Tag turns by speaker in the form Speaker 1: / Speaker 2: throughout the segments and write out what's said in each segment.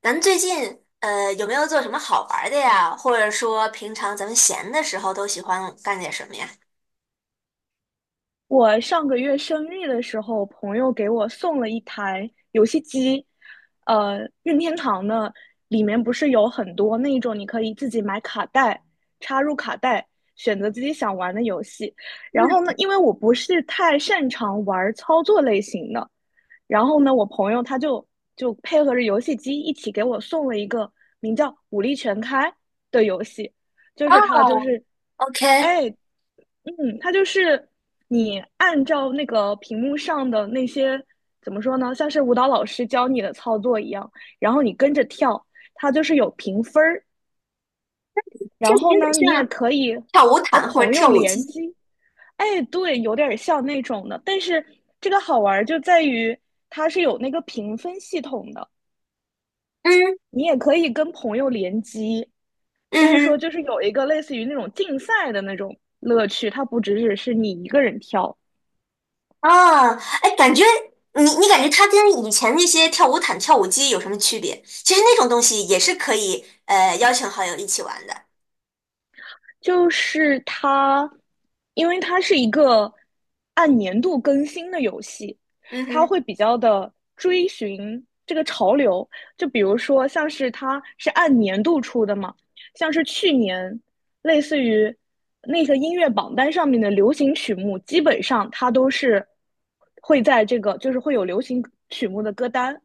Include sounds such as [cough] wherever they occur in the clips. Speaker 1: 咱们最近有没有做什么好玩儿的呀？或者说平常咱们闲的时候都喜欢干点什么呀？
Speaker 2: 我上个月生日的时候，朋友给我送了一台游戏机，任天堂的，里面不是有很多那种你可以自己买卡带，插入卡带，选择自己想玩的游戏。然后呢，因为我不是太擅长玩操作类型的，然后呢，我朋友他就配合着游戏机一起给我送了一个名叫《武力全开》的游戏。就是它就
Speaker 1: 哦
Speaker 2: 是
Speaker 1: ，OK，
Speaker 2: 哎，它就是你按照那个屏幕上的那些怎么说呢，像是舞蹈老师教你的操作一样，然后你跟着跳，它就是有评分儿。
Speaker 1: 听
Speaker 2: 然
Speaker 1: 起来
Speaker 2: 后
Speaker 1: 有点
Speaker 2: 呢，你也
Speaker 1: 像
Speaker 2: 可以
Speaker 1: 跳舞
Speaker 2: 和
Speaker 1: 毯或者
Speaker 2: 朋友
Speaker 1: 跳舞
Speaker 2: 联
Speaker 1: 机。
Speaker 2: 机。哎，对，有点儿像那种的，但是这个好玩儿就在于它是有那个评分系统的，
Speaker 1: 嗯
Speaker 2: 你也可以跟朋友联机，
Speaker 1: 嗯
Speaker 2: 所以说
Speaker 1: 哼，
Speaker 2: 就是有一个类似于那种竞赛的那种乐趣，它不只是你一个人跳。
Speaker 1: 啊，哎，感觉你感觉它跟以前那些跳舞毯、跳舞机有什么区别？其实那种东西也是可以邀请好友一起玩的。
Speaker 2: 就是它，因为它是一个按年度更新的游戏，
Speaker 1: 嗯
Speaker 2: 它
Speaker 1: 哼，
Speaker 2: 会比较的追寻这个潮流。就比如说，像是它是按年度出的嘛，像是去年类似于那个音乐榜单上面的流行曲目，基本上它都是会在这个就是会有流行曲目的歌单，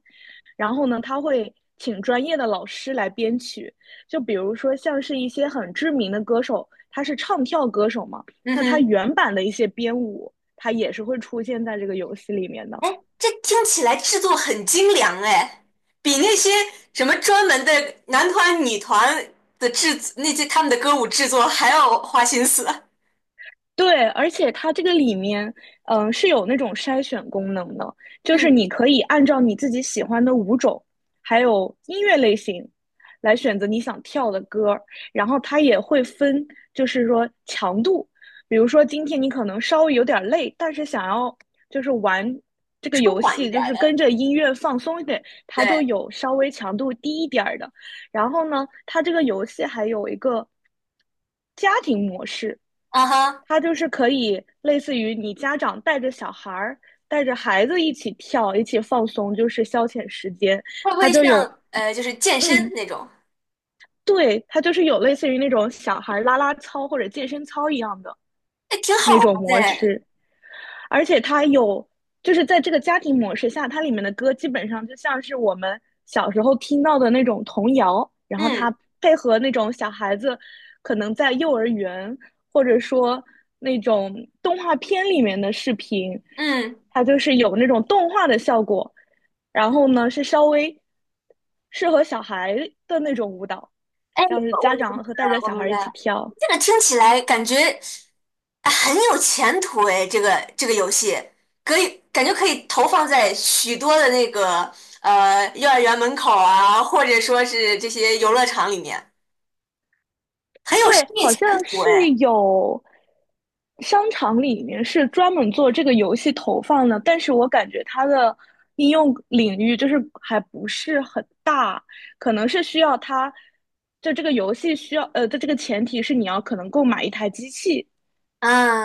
Speaker 2: 然后呢，它会请专业的老师来编曲。就比如说像是一些很知名的歌手，他是唱跳歌手嘛，
Speaker 1: 嗯
Speaker 2: 那他
Speaker 1: 哼。
Speaker 2: 原版的一些编舞，他也是会出现在这个游戏里面的。
Speaker 1: 哎，这听起来制作很精良哎，比那些什么专门的男团、女团的制作那些他们的歌舞制作还要花心思。
Speaker 2: 对，而且它这个里面，是有那种筛选功能的，就是
Speaker 1: 嗯，
Speaker 2: 你可以按照你自己喜欢的舞种，还有音乐类型，来选择你想跳的歌儿，然后它也会分，就是说强度，比如说今天你可能稍微有点累，但是想要就是玩这个
Speaker 1: 舒
Speaker 2: 游
Speaker 1: 缓一
Speaker 2: 戏，
Speaker 1: 点
Speaker 2: 就
Speaker 1: 儿
Speaker 2: 是
Speaker 1: 的，
Speaker 2: 跟着音乐放松一点，它就
Speaker 1: 对，
Speaker 2: 有稍微强度低一点儿的。然后呢，它这个游戏还有一个家庭模式，
Speaker 1: 啊哈，
Speaker 2: 它就是可以类似于你家长带着小孩儿、带着孩子一起跳、一起放松，就是消遣时间。
Speaker 1: 会不
Speaker 2: 它
Speaker 1: 会
Speaker 2: 就有，
Speaker 1: 像就是健身
Speaker 2: 嗯，
Speaker 1: 那种？
Speaker 2: 对，它就是有类似于那种小孩儿拉拉操或者健身操一样的
Speaker 1: 哎，挺好
Speaker 2: 那
Speaker 1: 玩
Speaker 2: 种
Speaker 1: 的
Speaker 2: 模
Speaker 1: 哎，
Speaker 2: 式。而且它有，就是在这个家庭模式下，它里面的歌基本上就像是我们小时候听到的那种童谣，然后
Speaker 1: 嗯
Speaker 2: 它配合那种小孩子可能在幼儿园或者说那种动画片里面的视频，
Speaker 1: 嗯。
Speaker 2: 它就是有那种动画的效果，然后呢是稍微适合小孩的那种舞蹈，
Speaker 1: 哎，
Speaker 2: 像是
Speaker 1: 我
Speaker 2: 家
Speaker 1: 明白
Speaker 2: 长和带着
Speaker 1: 了，
Speaker 2: 小
Speaker 1: 我明
Speaker 2: 孩
Speaker 1: 白
Speaker 2: 一起
Speaker 1: 了。
Speaker 2: 跳。
Speaker 1: 这个听起来感觉啊很有前途哎，这个游戏可以感觉可以投放在许多的那个幼儿园门口啊，或者说是这些游乐场里面，很有
Speaker 2: 对，
Speaker 1: 生意
Speaker 2: 好
Speaker 1: 前
Speaker 2: 像
Speaker 1: 途
Speaker 2: 是
Speaker 1: 哎。
Speaker 2: 有商场里面是专门做这个游戏投放的，但是我感觉它的应用领域就是还不是很大，可能是需要它，就这个游戏需要，的这个前提是你要可能购买一台机器，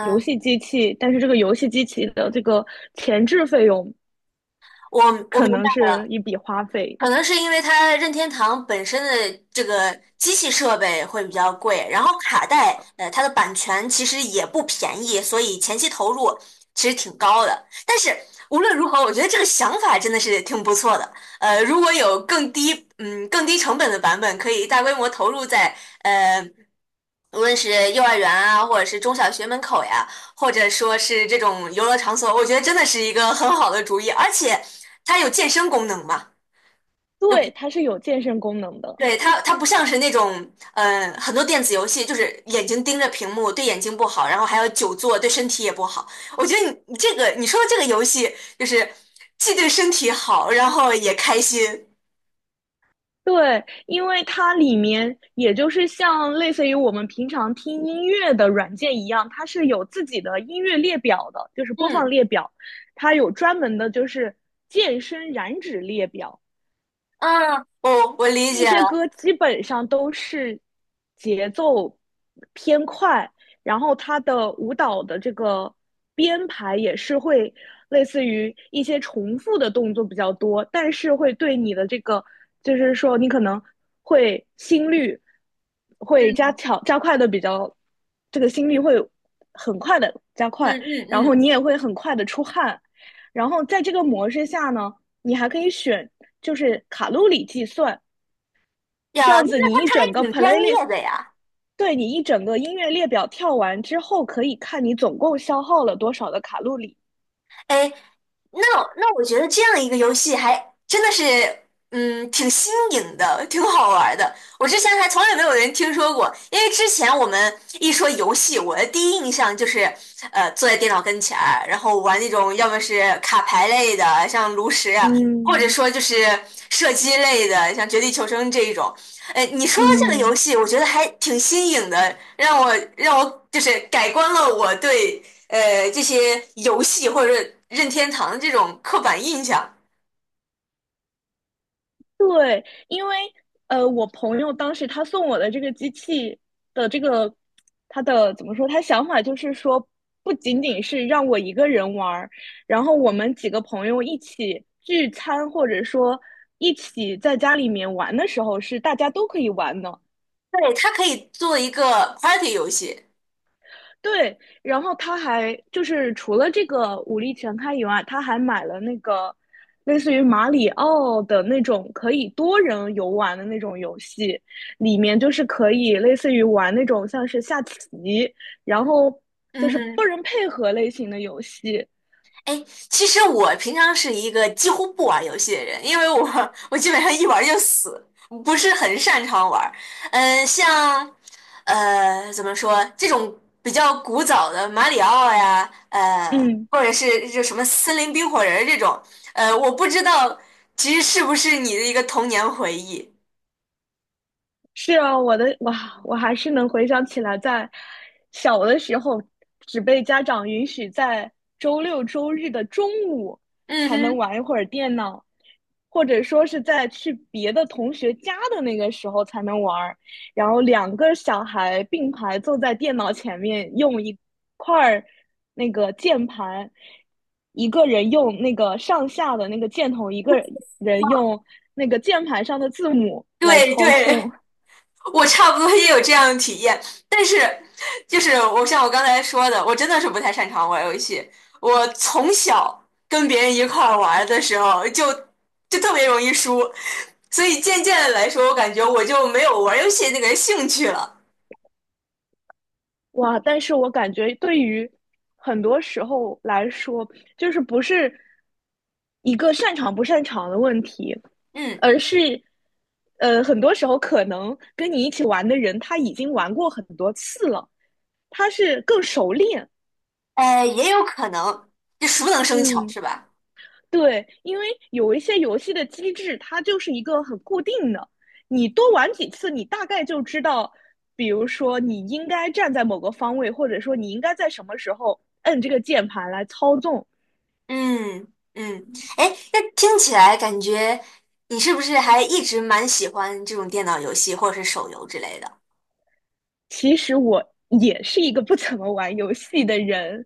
Speaker 2: 游戏机器，但是这个游戏机器的这个前置费用
Speaker 1: 我我
Speaker 2: 可
Speaker 1: 明
Speaker 2: 能
Speaker 1: 白
Speaker 2: 是
Speaker 1: 了。
Speaker 2: 一笔花费。
Speaker 1: 可能是因为它任天堂本身的这个机器设备会比较贵，然后卡带，它的版权其实也不便宜，所以前期投入其实挺高的。但是无论如何，我觉得这个想法真的是挺不错的。如果有更低，更低成本的版本，可以大规模投入在，呃，无论是幼儿园啊，或者是中小学门口呀，或者说是这种游乐场所，我觉得真的是一个很好的主意，而且它有健身功能嘛。又。
Speaker 2: 对，它是有健身功能的。
Speaker 1: 对，它不像是那种，很多电子游戏就是眼睛盯着屏幕，对眼睛不好，然后还要久坐，对身体也不好。我觉得你这个你说的这个游戏，就是既对身体好，然后也开心。
Speaker 2: 对，因为它里面也就是像类似于我们平常听音乐的软件一样，它是有自己的音乐列表的，就是播放
Speaker 1: 嗯
Speaker 2: 列表，它有专门的就是健身燃脂列表，
Speaker 1: 嗯，我理
Speaker 2: 那
Speaker 1: 解
Speaker 2: 些
Speaker 1: 了。
Speaker 2: 歌基本上都是节奏偏快，然后它的舞蹈的这个编排也是会类似于一些重复的动作比较多，但是会对你的这个，就是说你可能会心率会加
Speaker 1: 嗯
Speaker 2: 强加快的比较，这个心率会很快的加快，
Speaker 1: 嗯嗯
Speaker 2: 然
Speaker 1: 嗯，
Speaker 2: 后你也会很快的出汗，然后在这个模式下呢，你还可以选就是卡路里计算。
Speaker 1: 呀，
Speaker 2: 这
Speaker 1: 那
Speaker 2: 样子，
Speaker 1: 那
Speaker 2: 你
Speaker 1: 他
Speaker 2: 一
Speaker 1: 他还
Speaker 2: 整个
Speaker 1: 挺专业
Speaker 2: playlist,
Speaker 1: 的呀。
Speaker 2: 对你一整个音乐列表跳完之后，可以看你总共消耗了多少的卡路里。
Speaker 1: 哎，那那我觉得这样一个游戏还真的是，挺新颖的，挺好玩儿的。我之前还从来没有人听说过，因为之前我们一说游戏，我的第一印象就是，坐在电脑跟前儿然后玩那种要么是卡牌类的，像炉石啊，或者
Speaker 2: 嗯
Speaker 1: 说就是射击类的，像绝地求生这一种。哎，你说的这个游
Speaker 2: 嗯，
Speaker 1: 戏，我觉得还挺新颖的，让我就是改观了我对，这些游戏或者是任天堂的这种刻板印象。
Speaker 2: 对，因为我朋友当时他送我的这个机器的这个，他的怎么说？他想法就是说，不仅仅是让我一个人玩儿，然后我们几个朋友一起聚餐，或者说一起在家里面玩的时候，是大家都可以玩的。
Speaker 1: 对，它可以做一个 party 游戏。
Speaker 2: 对，然后他还就是除了这个武力全开以外，他还买了那个类似于马里奥的那种可以多人游玩的那种游戏，里面就是可以类似于玩那种像是下棋，然后就
Speaker 1: 嗯
Speaker 2: 是
Speaker 1: 哼，
Speaker 2: 多人配合类型的游戏。
Speaker 1: 哎，其实我平常是一个几乎不玩游戏的人，因为我基本上一玩就死，不是很擅长玩。嗯，像怎么说这种比较古早的马里奥呀，
Speaker 2: 嗯，
Speaker 1: 或者是就什么森林冰火人儿这种，我不知道其实是不是你的一个童年回忆。
Speaker 2: 是啊，我的哇，我还是能回想起来，在小的时候，只被家长允许在周六周日的中午
Speaker 1: 嗯
Speaker 2: 才能
Speaker 1: 哼。
Speaker 2: 玩一会儿电脑，或者说是在去别的同学家的那个时候才能玩儿。然后两个小孩并排坐在电脑前面，用一块儿那个键盘，一个人用那个上下的那个箭头，一个人用那个键盘上的字母来
Speaker 1: 对
Speaker 2: 操
Speaker 1: 对，
Speaker 2: 控。
Speaker 1: 我差不多也有这样的体验，但是就是我像我刚才说的，我真的是不太擅长玩游戏。我从小跟别人一块儿玩的时候就特别容易输，所以渐渐的来说，我感觉我就没有玩游戏那个兴趣了。
Speaker 2: 哇，但是我感觉对于很多时候来说，就是不是一个擅长不擅长的问题，
Speaker 1: 嗯，
Speaker 2: 而是，很多时候可能跟你一起玩的人他已经玩过很多次了，他是更熟练。
Speaker 1: 也有可能，就熟能生巧
Speaker 2: 嗯
Speaker 1: 是吧？
Speaker 2: 对，因为有一些游戏的机制，它就是一个很固定的，你多玩几次，你大概就知道，比如说你应该站在某个方位，或者说你应该在什么时候摁这个键盘来操纵。
Speaker 1: 嗯嗯，哎，那听起来感觉你是不是还一直蛮喜欢这种电脑游戏或者是手游之类的？
Speaker 2: 其实我也是一个不怎么玩游戏的人，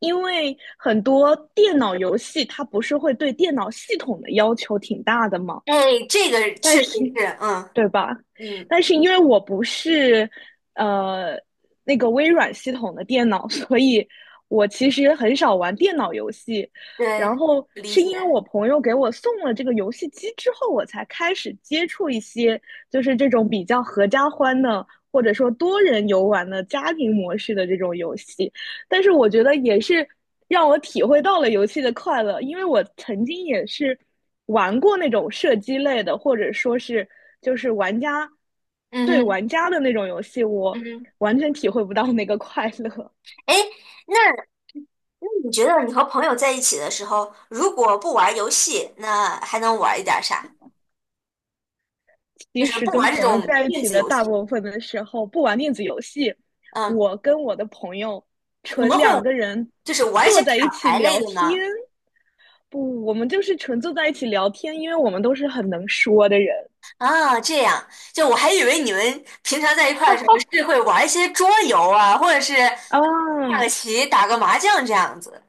Speaker 2: 因为很多电脑游戏它不是会对电脑系统的要求挺大的嘛，
Speaker 1: 哎，这个确
Speaker 2: 但
Speaker 1: 实
Speaker 2: 是
Speaker 1: 是，嗯
Speaker 2: 对吧？
Speaker 1: 嗯，
Speaker 2: 但是因为我不是呃那个微软系统的电脑，[laughs] 所以我其实很少玩电脑游戏。然
Speaker 1: 对，
Speaker 2: 后
Speaker 1: 理
Speaker 2: 是
Speaker 1: 解，
Speaker 2: 因为我朋友给我送了这个游戏机之后，我才开始接触一些就是这种比较合家欢的，或者说多人游玩的家庭模式的这种游戏。但是我觉得也是让我体会到了游戏的快乐，因为我曾经也是玩过那种射击类的，或者说是就是玩家
Speaker 1: 嗯
Speaker 2: 对
Speaker 1: 哼
Speaker 2: 玩家的那种游戏，
Speaker 1: 嗯
Speaker 2: 我
Speaker 1: 哼，
Speaker 2: 完全体会不到那个快乐。
Speaker 1: 哎，那那你觉得你和朋友在一起的时候，如果不玩游戏，那还能玩一点儿啥？
Speaker 2: [laughs]
Speaker 1: 就
Speaker 2: 其
Speaker 1: 是
Speaker 2: 实
Speaker 1: 不
Speaker 2: 跟
Speaker 1: 玩这
Speaker 2: 朋友
Speaker 1: 种
Speaker 2: 在一
Speaker 1: 电
Speaker 2: 起
Speaker 1: 子
Speaker 2: 的
Speaker 1: 游
Speaker 2: 大
Speaker 1: 戏，
Speaker 2: 部分的时候，不玩电子游戏，
Speaker 1: 嗯，
Speaker 2: 我跟我的朋友
Speaker 1: 你
Speaker 2: 纯
Speaker 1: 们会
Speaker 2: 两个人
Speaker 1: 就是玩一
Speaker 2: 坐
Speaker 1: 些
Speaker 2: 在
Speaker 1: 卡
Speaker 2: 一起
Speaker 1: 牌类
Speaker 2: 聊
Speaker 1: 的
Speaker 2: 天。
Speaker 1: 呢？
Speaker 2: 不，我们就是纯坐在一起聊天，因为我们都是很能说的人
Speaker 1: 啊，这样，就我还以为你们平常在一块儿的时候是会玩一些桌游啊，或者是
Speaker 2: 啊。
Speaker 1: 下个棋、打个麻将这样子，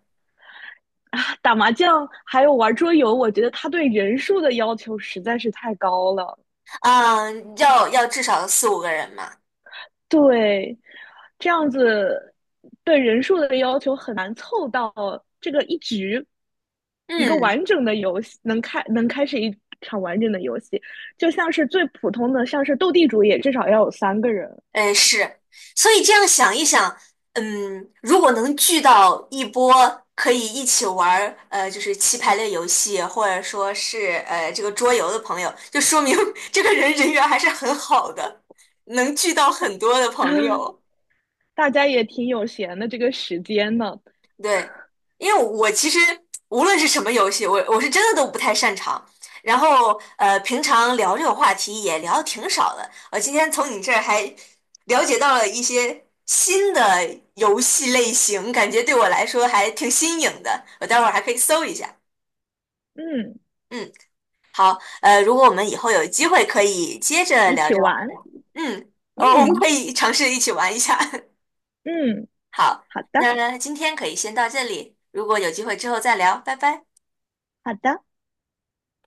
Speaker 2: [laughs] 啊，打麻将还有玩桌游，我觉得他对人数的要求实在是太高了。
Speaker 1: 嗯，要至少四五个人嘛。
Speaker 2: 对，这样子对人数的要求很难凑到这个一局一个
Speaker 1: 嗯，
Speaker 2: 完整的游戏能开始一场完整的游戏，就像是最普通的，像是斗地主也至少要有三个人，
Speaker 1: 哎，是，所以这样想一想，如果能聚到一波可以一起玩儿，就是棋牌类游戏，或者说是这个桌游的朋友，就说明 [laughs] 这个人人缘还是很好的，能聚到很多的朋
Speaker 2: [laughs]
Speaker 1: 友。
Speaker 2: 大家也挺有闲的这个时间呢，
Speaker 1: 对，因为我其实无论是什么游戏，我是真的都不太擅长。然后平常聊这种话题也聊的挺少的。我今天从你这儿还了解到了一些新的游戏类型，感觉对我来说还挺新颖的。我待会儿还可以搜一下。
Speaker 2: 嗯，
Speaker 1: 嗯，好，如果我们以后有机会可以接着
Speaker 2: 一
Speaker 1: 聊
Speaker 2: 起
Speaker 1: 这个话
Speaker 2: 玩，
Speaker 1: 题，我们
Speaker 2: 嗯
Speaker 1: 可以尝试一起玩一下。
Speaker 2: 嗯，
Speaker 1: [laughs] 好，
Speaker 2: 好的
Speaker 1: 那今天可以先到这里，如果有机会之后再聊，拜拜。
Speaker 2: 好的。